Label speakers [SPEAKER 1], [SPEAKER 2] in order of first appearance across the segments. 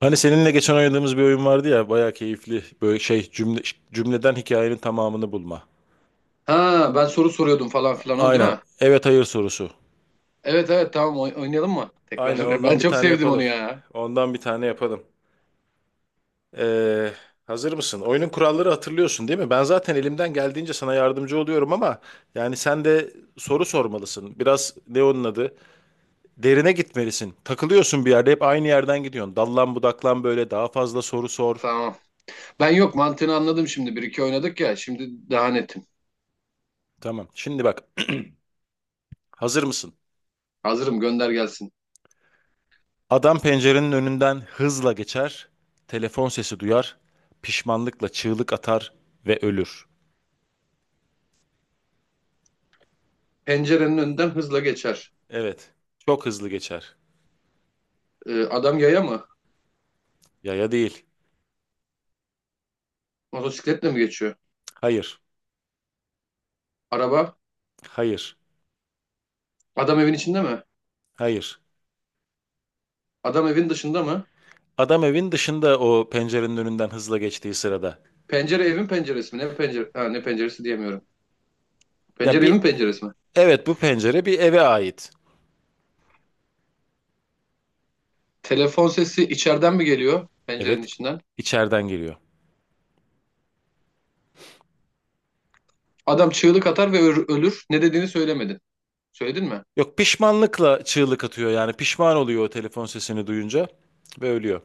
[SPEAKER 1] Hani seninle geçen oynadığımız bir oyun vardı ya, bayağı keyifli böyle şey cümleden hikayenin tamamını bulma.
[SPEAKER 2] Ha, ben soru soruyordum falan
[SPEAKER 1] A-
[SPEAKER 2] filan, o değil
[SPEAKER 1] Aynen
[SPEAKER 2] mi?
[SPEAKER 1] evet hayır sorusu.
[SPEAKER 2] Evet, evet, tamam, oynayalım mı?
[SPEAKER 1] Aynen,
[SPEAKER 2] Tekrar. Ben
[SPEAKER 1] ondan bir
[SPEAKER 2] çok
[SPEAKER 1] tane
[SPEAKER 2] sevdim onu
[SPEAKER 1] yapalım.
[SPEAKER 2] ya.
[SPEAKER 1] Ondan bir tane yapalım. Ee, Hazır mısın? Oyunun kuralları hatırlıyorsun değil mi? Ben zaten elimden geldiğince sana yardımcı oluyorum ama yani sen de soru sormalısın. Biraz ne onun adı? Derine gitmelisin. Takılıyorsun, bir yerde hep aynı yerden gidiyorsun. Dallan budaklan, böyle daha fazla soru sor.
[SPEAKER 2] Tamam. Ben yok, mantığını anladım şimdi. Bir iki oynadık ya, şimdi daha netim.
[SPEAKER 1] Tamam. Şimdi bak, hazır mısın?
[SPEAKER 2] Hazırım, gönder gelsin.
[SPEAKER 1] Adam pencerenin önünden hızla geçer, telefon sesi duyar, pişmanlıkla çığlık atar ve ölür.
[SPEAKER 2] Pencerenin önünden hızla geçer.
[SPEAKER 1] Evet, çok hızlı geçer.
[SPEAKER 2] Adam yaya mı?
[SPEAKER 1] Yaya değil.
[SPEAKER 2] Motosikletle mi geçiyor?
[SPEAKER 1] Hayır,
[SPEAKER 2] Araba?
[SPEAKER 1] hayır,
[SPEAKER 2] Adam evin içinde mi?
[SPEAKER 1] hayır.
[SPEAKER 2] Adam evin dışında mı?
[SPEAKER 1] Adam evin dışında o pencerenin önünden hızla geçtiği sırada.
[SPEAKER 2] Pencere evin penceresi mi? Ne pencere? Ha, ne penceresi diyemiyorum.
[SPEAKER 1] Ya
[SPEAKER 2] Pencere
[SPEAKER 1] bir,
[SPEAKER 2] evin penceresi mi?
[SPEAKER 1] evet, bu pencere bir eve ait.
[SPEAKER 2] Telefon sesi içeriden mi geliyor, pencerenin
[SPEAKER 1] Evet,
[SPEAKER 2] içinden?
[SPEAKER 1] içeriden geliyor.
[SPEAKER 2] Adam çığlık atar ve ölür. Ne dediğini söylemedin. Söyledin mi?
[SPEAKER 1] Yok, pişmanlıkla çığlık atıyor, yani pişman oluyor o telefon sesini duyunca ve ölüyor.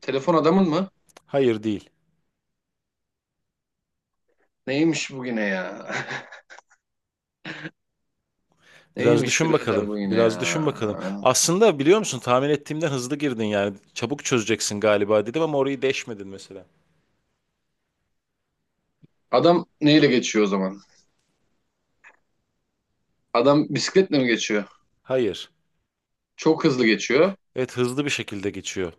[SPEAKER 2] Telefon adamın mı?
[SPEAKER 1] Hayır değil.
[SPEAKER 2] Neymiş bugüne ya?
[SPEAKER 1] Biraz
[SPEAKER 2] Neymiş
[SPEAKER 1] düşün bakalım.
[SPEAKER 2] birader bu yine ya?
[SPEAKER 1] Biraz düşün bakalım. Aslında biliyor musun, tahmin ettiğimden hızlı girdin yani. Çabuk çözeceksin galiba dedim ama orayı deşmedin mesela.
[SPEAKER 2] Adam neyle geçiyor o zaman? Adam bisikletle mi geçiyor?
[SPEAKER 1] Hayır.
[SPEAKER 2] Çok hızlı geçiyor.
[SPEAKER 1] Evet, hızlı bir şekilde geçiyor.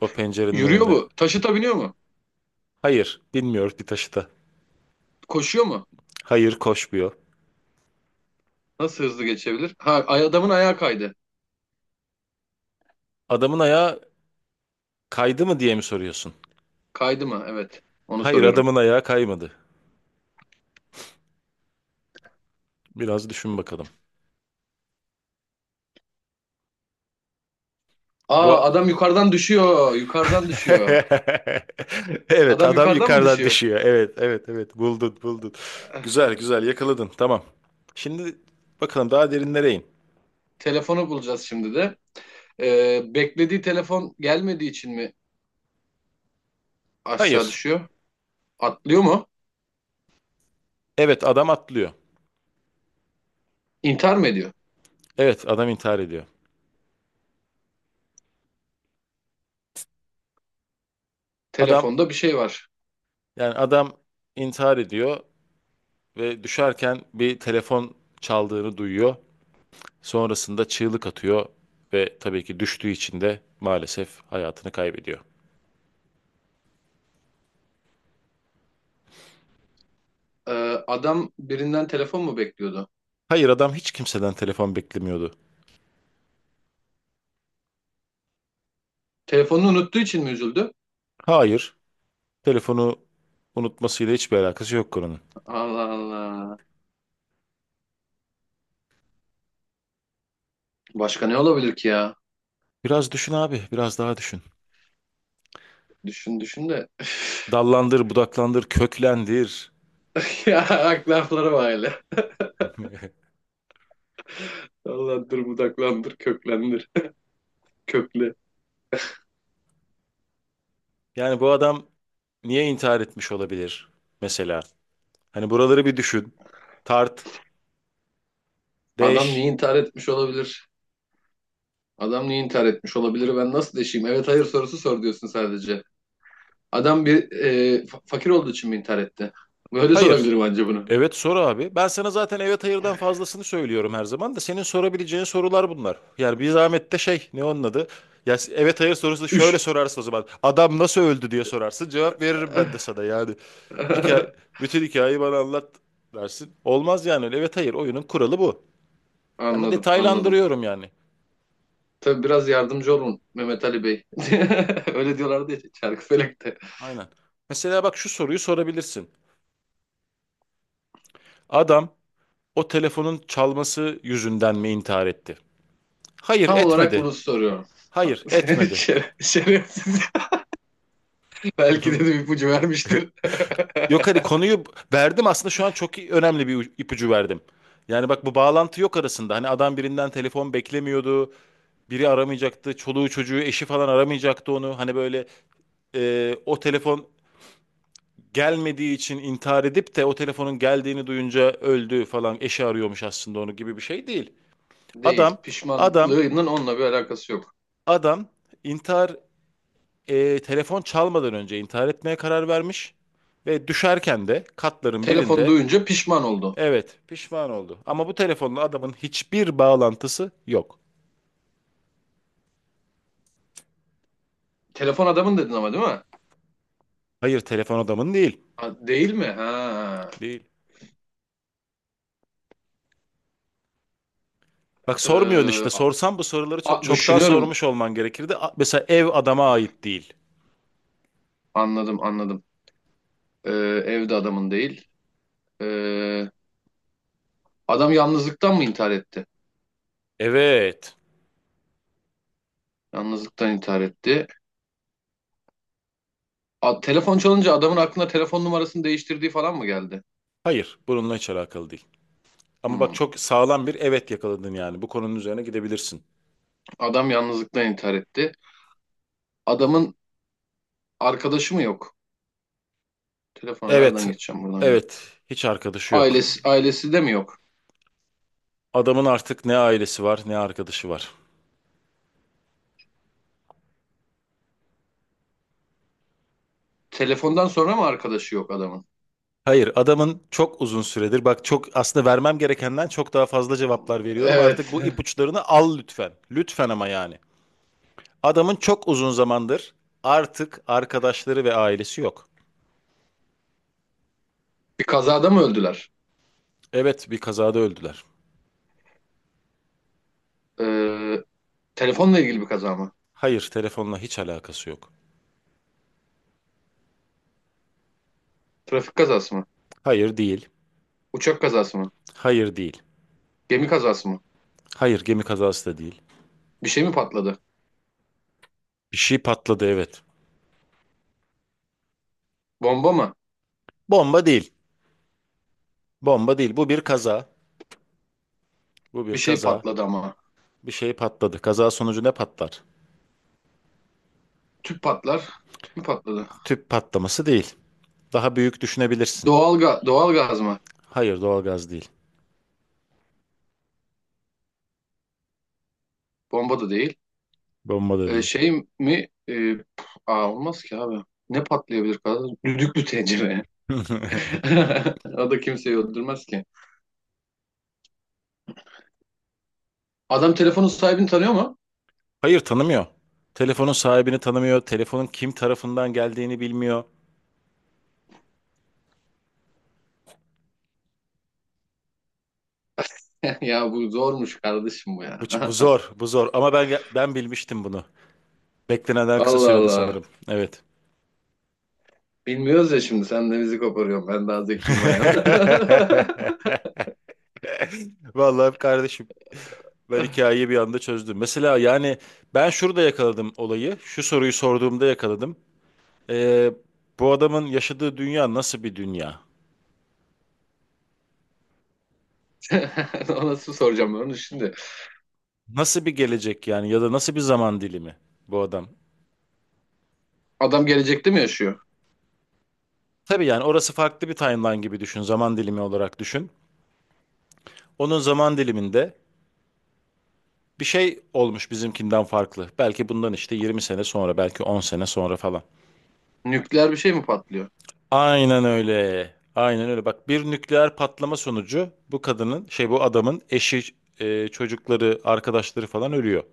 [SPEAKER 1] O pencerenin
[SPEAKER 2] Yürüyor
[SPEAKER 1] önünde.
[SPEAKER 2] mu? Taşıta biniyor mu?
[SPEAKER 1] Hayır. Binmiyor bir taşıta.
[SPEAKER 2] Koşuyor mu?
[SPEAKER 1] Hayır, koşmuyor.
[SPEAKER 2] Nasıl hızlı geçebilir? Ha, adamın ayağı kaydı.
[SPEAKER 1] Adamın ayağı kaydı mı diye mi soruyorsun?
[SPEAKER 2] Kaydı mı? Evet. Onu
[SPEAKER 1] Hayır,
[SPEAKER 2] soruyorum.
[SPEAKER 1] adamın ayağı kaymadı. Biraz düşün bakalım. Bu
[SPEAKER 2] Aa, adam yukarıdan düşüyor. Yukarıdan düşüyor.
[SPEAKER 1] evet,
[SPEAKER 2] Adam
[SPEAKER 1] adam
[SPEAKER 2] yukarıdan mı
[SPEAKER 1] yukarıdan
[SPEAKER 2] düşüyor?
[SPEAKER 1] düşüyor. Evet, evet, evet, buldun buldun. Güzel güzel yakaladın, tamam. Şimdi bakalım, daha derinlere in.
[SPEAKER 2] Telefonu bulacağız şimdi de. Beklediği telefon gelmediği için mi aşağı
[SPEAKER 1] Hayır.
[SPEAKER 2] düşüyor? Atlıyor mu?
[SPEAKER 1] Evet, adam atlıyor.
[SPEAKER 2] İntihar mı ediyor?
[SPEAKER 1] Evet, adam intihar ediyor. Adam
[SPEAKER 2] Telefonda bir şey var.
[SPEAKER 1] adam intihar ediyor ve düşerken bir telefon çaldığını duyuyor. Sonrasında çığlık atıyor ve tabii ki düştüğü için de maalesef hayatını kaybediyor.
[SPEAKER 2] Ee, Adam birinden telefon mu bekliyordu?
[SPEAKER 1] Hayır, adam hiç kimseden telefon beklemiyordu.
[SPEAKER 2] Telefonunu unuttuğu için mi üzüldü?
[SPEAKER 1] Hayır. Telefonu unutmasıyla hiçbir alakası yok konunun.
[SPEAKER 2] Allah Allah. Başka ne olabilir ki ya?
[SPEAKER 1] Biraz düşün abi, biraz daha düşün.
[SPEAKER 2] Düşün düşün de.
[SPEAKER 1] Dallandır, budaklandır, köklendir.
[SPEAKER 2] Ya aklı lafları var hele. Dallandır, budaklandır, köklendir. Kökle.
[SPEAKER 1] Yani bu adam niye intihar etmiş olabilir mesela? Hani buraları bir düşün. Tart,
[SPEAKER 2] Adam
[SPEAKER 1] deş.
[SPEAKER 2] niye intihar etmiş olabilir? Adam niye intihar etmiş olabilir? Ben nasıl deşeyim? Evet hayır sorusu sor diyorsun sadece. Adam bir fakir olduğu için mi intihar etti? Böyle
[SPEAKER 1] Hayır.
[SPEAKER 2] sorabilirim anca bunu.
[SPEAKER 1] Evet, sor abi. Ben sana zaten evet hayırdan fazlasını söylüyorum her zaman, da senin sorabileceğin sorular bunlar. Yani bir zahmet de şey, ne onun adı? Ya evet hayır sorusu şöyle
[SPEAKER 2] Üş.
[SPEAKER 1] sorarsın o zaman. Adam nasıl öldü diye sorarsın. Cevap veririm ben de sana yani. Hikaye, bütün hikayeyi bana anlat dersin. Olmaz yani öyle. Evet hayır oyunun kuralı bu. Ama
[SPEAKER 2] Anladım, anladım.
[SPEAKER 1] detaylandırıyorum yani.
[SPEAKER 2] Tabii biraz yardımcı olun Mehmet Ali Bey. Öyle diyorlardı ya Çarkıfelek'te.
[SPEAKER 1] Aynen. Mesela bak, şu soruyu sorabilirsin. Adam o telefonun çalması yüzünden mi intihar etti? Hayır,
[SPEAKER 2] Tam olarak
[SPEAKER 1] etmedi.
[SPEAKER 2] bunu soruyorum.
[SPEAKER 1] Hayır, etmedi.
[SPEAKER 2] Şerefsiz. Belki de bir ipucu vermiştir.
[SPEAKER 1] Yok, hani konuyu verdim aslında şu an, çok iyi- önemli bir ipucu verdim. Yani bak, bu bağlantı yok arasında. Hani adam birinden telefon beklemiyordu. Biri aramayacaktı. Çoluğu çocuğu eşi falan aramayacaktı onu. Hani böyle o telefon gelmediği için intihar edip de o telefonun geldiğini duyunca öldü falan. Eşi arıyormuş aslında onu gibi bir şey değil.
[SPEAKER 2] Değil.
[SPEAKER 1] Adam adam
[SPEAKER 2] Pişmanlığının onunla bir alakası yok.
[SPEAKER 1] adam intihar telefon çalmadan önce intihar etmeye karar vermiş. Ve düşerken de katların
[SPEAKER 2] Telefon
[SPEAKER 1] birinde...
[SPEAKER 2] duyunca pişman oldu.
[SPEAKER 1] Evet, pişman oldu. Ama bu telefonla adamın hiçbir bağlantısı yok.
[SPEAKER 2] Telefon adamın dedin ama, değil mi?
[SPEAKER 1] Hayır, telefon adamın değil.
[SPEAKER 2] Ha, değil mi? Ha.
[SPEAKER 1] Değil. Bak, sormuyorsun
[SPEAKER 2] Ee,
[SPEAKER 1] işte.
[SPEAKER 2] a-
[SPEAKER 1] Sorsan bu soruları çoktan
[SPEAKER 2] düşünüyorum.
[SPEAKER 1] sormuş olman gerekirdi. Mesela ev adama ait değil.
[SPEAKER 2] Anladım, anladım. Ee, Evde adamın değil. Ee, Adam yalnızlıktan mı intihar etti?
[SPEAKER 1] Evet.
[SPEAKER 2] Yalnızlıktan intihar etti. A, telefon çalınca adamın aklına telefon numarasını değiştirdiği falan mı geldi?
[SPEAKER 1] Hayır, bununla hiç alakalı değil. Ama bak,
[SPEAKER 2] Hmm.
[SPEAKER 1] çok sağlam bir evet yakaladın yani. Bu konunun üzerine gidebilirsin.
[SPEAKER 2] Adam yalnızlıktan intihar etti. Adamın arkadaşı mı yok? Telefona nereden
[SPEAKER 1] Evet.
[SPEAKER 2] geçeceğim buradan ya?
[SPEAKER 1] Evet. Hiç arkadaşı yok.
[SPEAKER 2] Ailesi, ailesi de mi yok?
[SPEAKER 1] Adamın artık ne ailesi var, ne arkadaşı var.
[SPEAKER 2] Telefondan sonra mı arkadaşı yok adamın?
[SPEAKER 1] Hayır, adamın çok uzun süredir, bak çok aslında vermem gerekenden çok daha fazla cevaplar veriyorum. Artık
[SPEAKER 2] Evet.
[SPEAKER 1] bu ipuçlarını al lütfen. Lütfen ama yani. Adamın çok uzun zamandır artık arkadaşları ve ailesi yok.
[SPEAKER 2] Bir kazada mı öldüler?
[SPEAKER 1] Evet, bir kazada öldüler.
[SPEAKER 2] Ee, Telefonla ilgili bir kaza mı?
[SPEAKER 1] Hayır, telefonla hiç alakası yok.
[SPEAKER 2] Trafik kazası mı?
[SPEAKER 1] Hayır, değil.
[SPEAKER 2] Uçak kazası mı?
[SPEAKER 1] Hayır, değil.
[SPEAKER 2] Gemi kazası mı?
[SPEAKER 1] Hayır, gemi kazası da değil.
[SPEAKER 2] Bir şey mi patladı?
[SPEAKER 1] Bir şey patladı, evet.
[SPEAKER 2] Bomba mı?
[SPEAKER 1] Bomba değil. Bomba değil. Bu bir kaza. Bu
[SPEAKER 2] Bir
[SPEAKER 1] bir
[SPEAKER 2] şey
[SPEAKER 1] kaza.
[SPEAKER 2] patladı ama.
[SPEAKER 1] Bir şey patladı. Kaza sonucu ne patlar?
[SPEAKER 2] Tüp patlar. Tüp mü patladı?
[SPEAKER 1] Tüp patlaması değil. Daha büyük düşünebilirsin.
[SPEAKER 2] Doğal gaz mı?
[SPEAKER 1] Hayır, doğalgaz değil.
[SPEAKER 2] Bomba da değil.
[SPEAKER 1] Bomba da değil.
[SPEAKER 2] Şey mi? Aa, olmaz ki abi. Ne patlayabilir kardeşim? Düdüklü tencere. O da kimseyi öldürmez ki. Adam telefonun sahibini tanıyor mu?
[SPEAKER 1] Hayır, tanımıyor. Telefonun sahibini tanımıyor. Telefonun kim tarafından geldiğini bilmiyor.
[SPEAKER 2] Ya bu zormuş kardeşim bu
[SPEAKER 1] Bu,
[SPEAKER 2] ya.
[SPEAKER 1] bu zor, bu zor. Ama ben bilmiştim bunu. Beklenenden kısa
[SPEAKER 2] Allah
[SPEAKER 1] sürede
[SPEAKER 2] Allah.
[SPEAKER 1] sanırım. Evet.
[SPEAKER 2] Bilmiyoruz ya, şimdi sen de bizi koparıyorsun. Ben daha zekiyim ayağına.
[SPEAKER 1] Vallahi kardeşim, ben hikayeyi bir anda çözdüm. Mesela yani ben şurada yakaladım olayı. Şu soruyu sorduğumda yakaladım. Ee, Bu adamın yaşadığı dünya nasıl bir dünya?
[SPEAKER 2] Ona nasıl soracağım ben onu şimdi.
[SPEAKER 1] Nasıl bir gelecek, yani, ya da nasıl bir zaman dilimi bu adam?
[SPEAKER 2] Adam gelecekte mi yaşıyor?
[SPEAKER 1] Tabii, yani orası farklı bir timeline gibi düşün, zaman dilimi olarak düşün. Onun zaman diliminde bir şey olmuş bizimkinden farklı. Belki bundan işte 20 sene sonra, belki 10 sene sonra falan.
[SPEAKER 2] Nükleer bir şey mi patlıyor?
[SPEAKER 1] Aynen öyle. Aynen öyle. Bak, bir nükleer patlama sonucu bu kadının, şey bu adamın eşi, çocukları, arkadaşları falan ölüyor.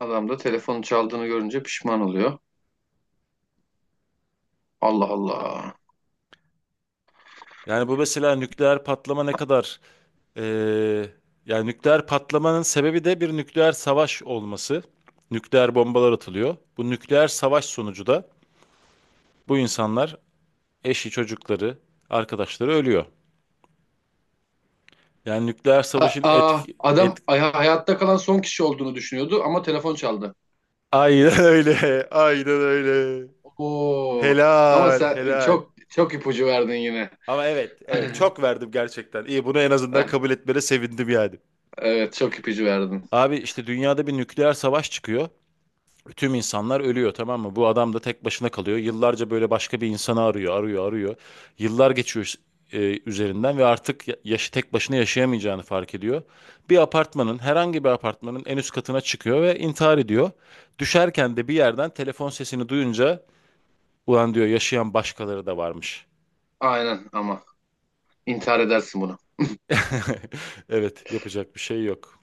[SPEAKER 2] Adam da telefonu çaldığını görünce pişman oluyor. Allah Allah.
[SPEAKER 1] Yani bu mesela nükleer patlama e, yani nükleer patlamanın sebebi de bir nükleer savaş olması. Nükleer bombalar atılıyor. Bu nükleer savaş sonucu da bu insanlar, eşi, çocukları, arkadaşları ölüyor. Yani nükleer
[SPEAKER 2] Ha,
[SPEAKER 1] savaşın
[SPEAKER 2] aa,
[SPEAKER 1] etki... Et...
[SPEAKER 2] adam hayatta kalan son kişi olduğunu düşünüyordu ama telefon çaldı.
[SPEAKER 1] Aynen öyle, aynen öyle.
[SPEAKER 2] Oo. Ama
[SPEAKER 1] Helal,
[SPEAKER 2] sen
[SPEAKER 1] helal.
[SPEAKER 2] çok çok ipucu verdin yine.
[SPEAKER 1] Ama evet, evet, çok verdim gerçekten. İyi, bunu en azından
[SPEAKER 2] Eh,
[SPEAKER 1] kabul etmene sevindim yani.
[SPEAKER 2] evet, çok ipucu verdin.
[SPEAKER 1] Abi işte dünyada bir nükleer savaş çıkıyor. Tüm insanlar ölüyor, tamam mı? Bu adam da tek başına kalıyor. Yıllarca böyle başka bir insanı arıyor, arıyor, arıyor. Yıllar geçiyor üzerinden, ve artık yaşı tek başına yaşayamayacağını fark ediyor. Bir apartmanın, herhangi bir apartmanın en üst katına çıkıyor ve intihar ediyor. Düşerken de bir yerden telefon sesini duyunca, ulan diyor, yaşayan başkaları da varmış.
[SPEAKER 2] Aynen ama intihar edersin bunu.
[SPEAKER 1] Evet, yapacak bir şey yok.